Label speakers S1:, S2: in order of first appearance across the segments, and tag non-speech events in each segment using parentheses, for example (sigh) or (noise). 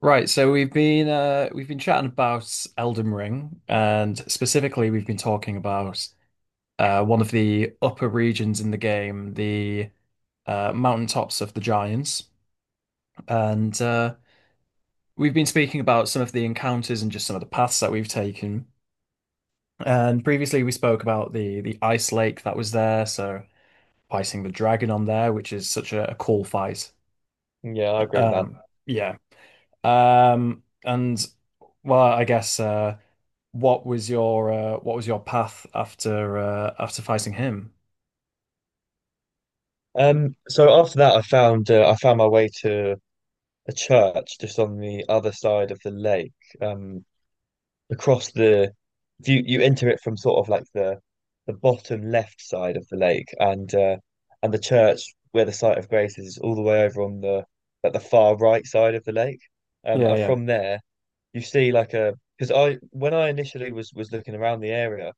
S1: Right, so we've been chatting about Elden Ring, and specifically we've been talking about one of the upper regions in the game, the mountaintops of the giants, and we've been speaking about some of the encounters and just some of the paths that we've taken. And previously we spoke about the ice lake that was there, so fighting the dragon on there, which is such a cool fight.
S2: Yeah, I agree with that.
S1: Um, yeah. And Well, I guess. What was your what was your path after after fighting him?
S2: So after that, I found my way to a church just on the other side of the lake. Um, across the if you enter it from sort of like the bottom left side of the lake, and the church where the site of grace is all the way over on the like the far right side of the lake.
S1: Yeah,
S2: And
S1: yeah.
S2: from there, you see like a because I when I initially was looking around the area,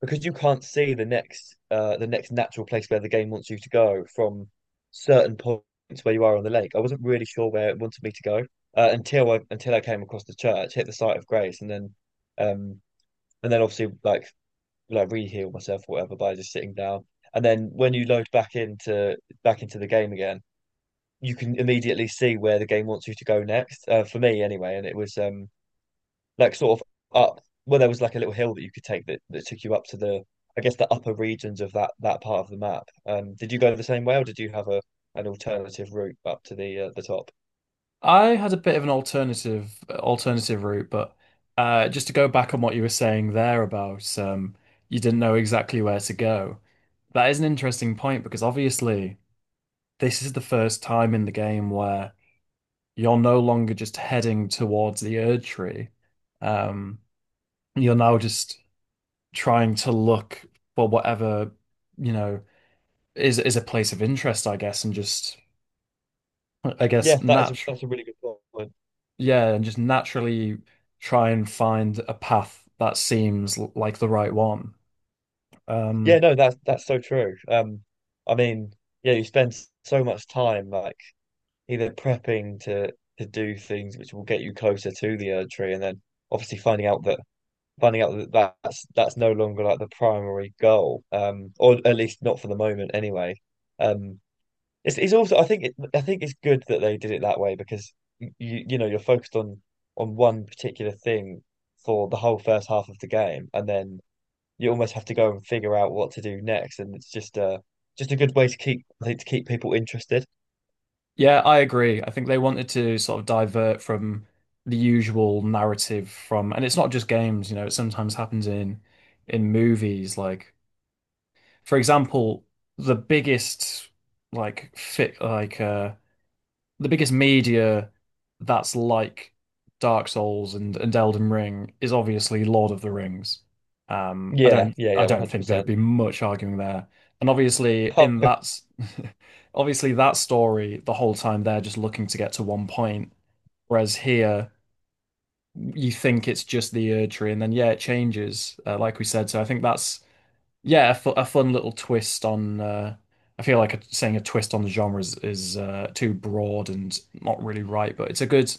S2: because you can't see the next natural place where the game wants you to go from certain points where you are on the lake. I wasn't really sure where it wanted me to go until I came across the church, hit the site of grace, um and then obviously like re-heal myself or whatever by just sitting down. And then when you load back into the game again, you can immediately see where the game wants you to go next. For me anyway, and it was like sort of up, well, there was like a little hill that you could take that took you up to the, I guess, the upper regions of that part of the map. Did you go the same way or did you have a an alternative route up to the top?
S1: I had a bit of an alternative route, but just to go back on what you were saying there about you didn't know exactly where to go. That is an interesting point because obviously this is the first time in the game where you're no longer just heading towards the Erdtree. Um, you're now just trying to look for whatever, you know. Is a place of interest, I guess, and just I
S2: Yeah,
S1: guess natural,
S2: that's a really good point.
S1: yeah, and just naturally try and find a path that seems like the right one.
S2: Yeah,
S1: Um,
S2: no, that's so true. I mean, yeah, you spend so much time like either prepping to do things which will get you closer to the Erdtree, and then obviously finding out that that's no longer like the primary goal, or at least not for the moment anyway. Um, it's also I think it's good that they did it that way because you you know you're focused on one particular thing for the whole first half of the game, and then you almost have to go and figure out what to do next, and it's just a good way to keep, I think, to keep people interested.
S1: yeah, I agree. I think they wanted to sort of divert from the usual narrative from, and it's not just games, you know, it sometimes happens in movies. Like, for example, the biggest like fit like the biggest media that's like Dark Souls and Elden Ring is obviously Lord of the Rings.
S2: Yeah, yeah,
S1: I
S2: yeah, one
S1: don't
S2: hundred
S1: think there'd
S2: percent.
S1: be much arguing there. And obviously in that (laughs) obviously that story, the whole time they're just looking to get to one point. Whereas here you think it's just the Ur tree and then yeah, it changes, like we said. So I think that's yeah, a fun little twist on. I feel like saying a twist on the genre is too broad and not really right, but it's a good.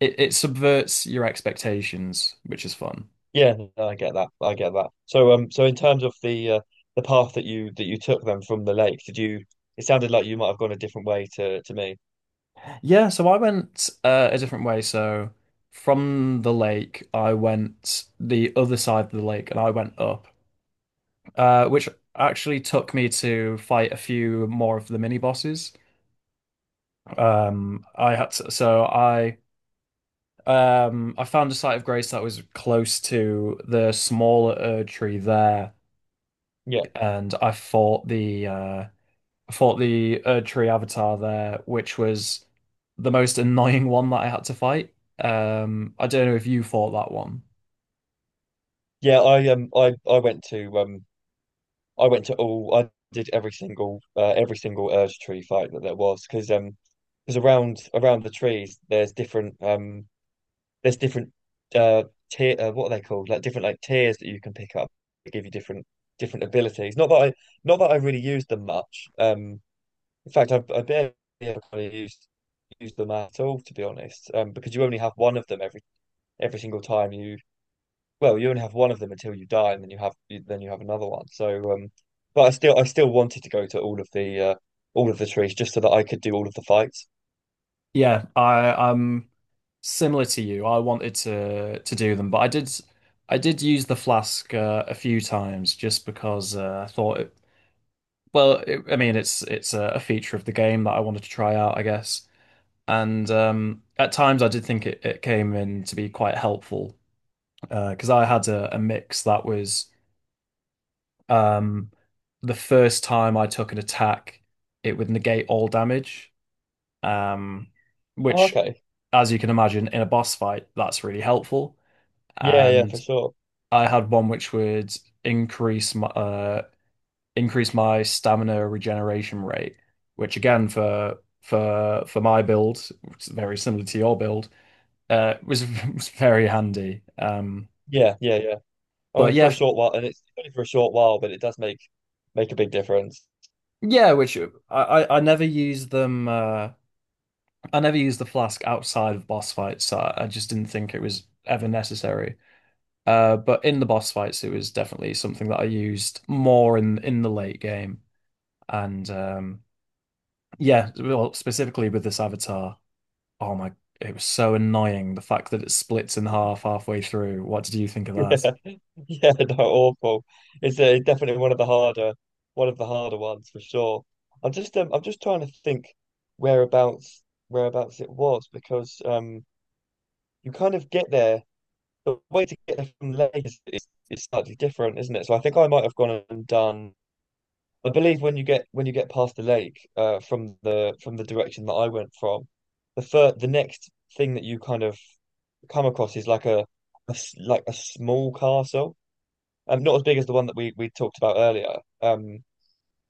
S1: It subverts your expectations, which is fun.
S2: Yeah, no, I get that. I get that. So, so in terms of the path that you took then from the lake, did you? It sounded like you might have gone a different way to me.
S1: Yeah, so I went a different way. So from the lake, I went the other side of the lake, and I went up, which actually took me to fight a few more of the mini bosses. I had to, so I. I found a site of grace that was close to the smaller Erd tree there,
S2: Yeah,
S1: and I fought the Erd tree avatar there, which was the most annoying one that I had to fight. I don't know if you fought that one.
S2: yeah. I went to I went to all. I did every single Urge Tree fight that there was because around the trees there's different uh tier what are they called? Like different like tiers that you can pick up that give you different different abilities. Not that I really used them much. In fact, I barely ever kind of used them at all, to be honest, because you only have one of them every single time you. Well, you only have one of them until you die, and then then you have another one. So, but I still wanted to go to all of the trees just so that I could do all of the fights.
S1: Yeah, I'm similar to you. I wanted to do them, but I did use the flask a few times just because I thought it. Well, I mean, it's a feature of the game that I wanted to try out, I guess. And at times I did think it came in to be quite helpful because I had a mix that was um, the first time I took an attack, it would negate all damage, um,
S2: Oh,
S1: which,
S2: okay.
S1: as you can imagine, in a boss fight, that's really helpful.
S2: Yeah, yeah, for
S1: And
S2: sure.
S1: I had one which would increase my uh, increase my stamina regeneration rate, which again for my build, which is very similar to your build was (laughs) was very handy.
S2: Yeah, yeah, yeah. I
S1: But
S2: mean, for
S1: yeah,
S2: a short while, and it's only for a short while, but it does make a big difference.
S1: yeah, which I never used them. I never used the flask outside of boss fights. So I just didn't think it was ever necessary. But in the boss fights, it was definitely something that I used more in the late game. And yeah, well, specifically with this avatar. Oh my, it was so annoying the fact that it splits in half halfway through. What did you think of that?
S2: (laughs) (laughs) Yeah, no, awful. It's, definitely one of one of the harder ones for sure. I'm just trying to think whereabouts, whereabouts it was because you kind of get there. The way to get there from Lagos is, is slightly different, isn't it? So I think I might have gone and done. I believe when you get past the lake, from the direction that I went from, the next thing that you kind of come across is like a like a small castle not as big as the one that we talked about earlier. Um,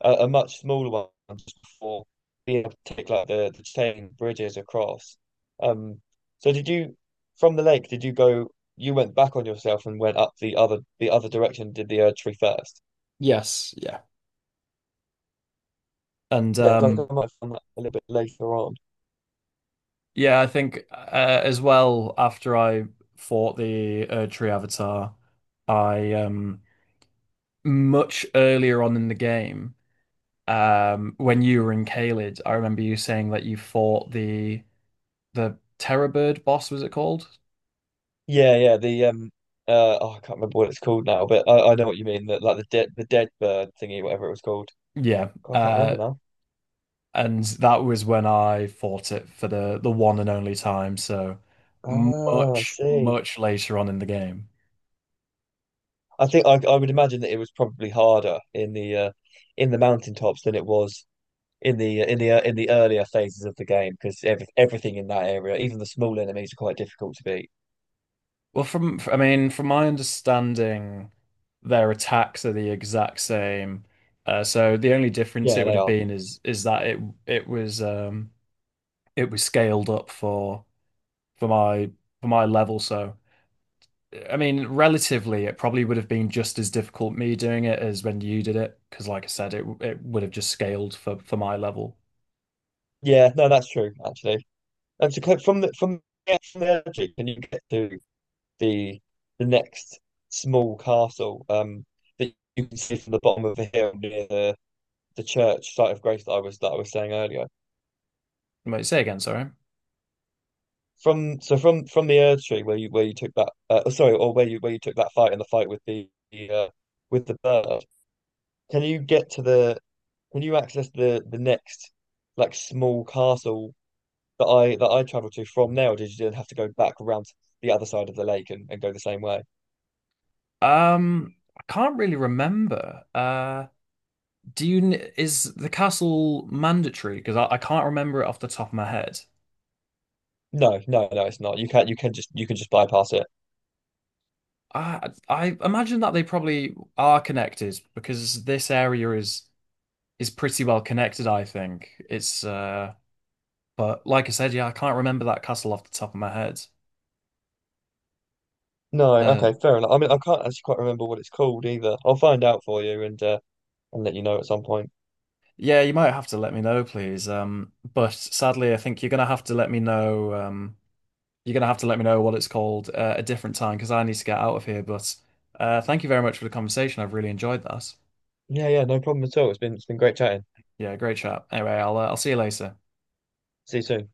S2: a much smaller one just before being able to take like the chain bridges across. Um, so did you from the lake? Did you go? You went back on yourself and went up the other direction. Did the Erdtree first?
S1: Yes, yeah. And
S2: Yeah, so I think I might have done that a little bit later on.
S1: Yeah, I think as well after I fought the tree avatar, I much earlier on in the game, when you were in Caelid, I remember you saying that you fought the Terror Bird boss, was it called?
S2: Yeah, yeah. The oh, I can't remember what it's called now, but I know what you mean. That like the dead bird thingy, whatever it was called.
S1: Yeah,
S2: God, I can't remember now.
S1: and that was when I fought it for the one and only time. So
S2: Ah, I
S1: much,
S2: see.
S1: much later on in the game.
S2: I would imagine that it was probably harder in the mountaintops than it was in the in the in the earlier phases of the game because everything in that area, even the small enemies, are quite difficult to beat.
S1: Well, I mean, from my understanding, their attacks are the exact same. So the only difference
S2: Yeah,
S1: it would
S2: they
S1: have
S2: are.
S1: been is that it was um it was scaled up for my for my level. So I mean, relatively, it probably would have been just as difficult me doing it as when you did it, because like I said, it would have just scaled for my level.
S2: Yeah, no, that's true actually. And to click from the energy, can you get to the the next small castle that you can see from the bottom of the hill near the church site of grace that I was saying earlier?
S1: Might say again, sorry.
S2: From so from the Erd Tree where you took that oh, sorry, or where you took that fight in the fight uh, with the bird. Can you get to the, can you access the next like small castle that I traveled to from there, or did you have to go back around to the other side of the lake and go the same way?
S1: I can't really remember. Do you is the castle mandatory? Because I can't remember it off the top of my head.
S2: No, no, no, it's not. You can you can just bypass it.
S1: I imagine that they probably are connected because this area is pretty well connected, I think. It's but like I said, yeah, I can't remember that castle off the top of my head.
S2: No,
S1: Uh
S2: okay, fair enough. I mean, I can't actually quite remember what it's called either. I'll find out for you and let you know at some point.
S1: yeah, you might have to let me know, please. But sadly I think you're gonna have to let me know you're gonna have to let me know what it's called a different time because I need to get out of here. But thank you very much for the conversation. I've really enjoyed that.
S2: Yeah, yeah, no problem at all. It's been great chatting.
S1: Yeah, great chat. Anyway, I'll see you later.
S2: See you soon.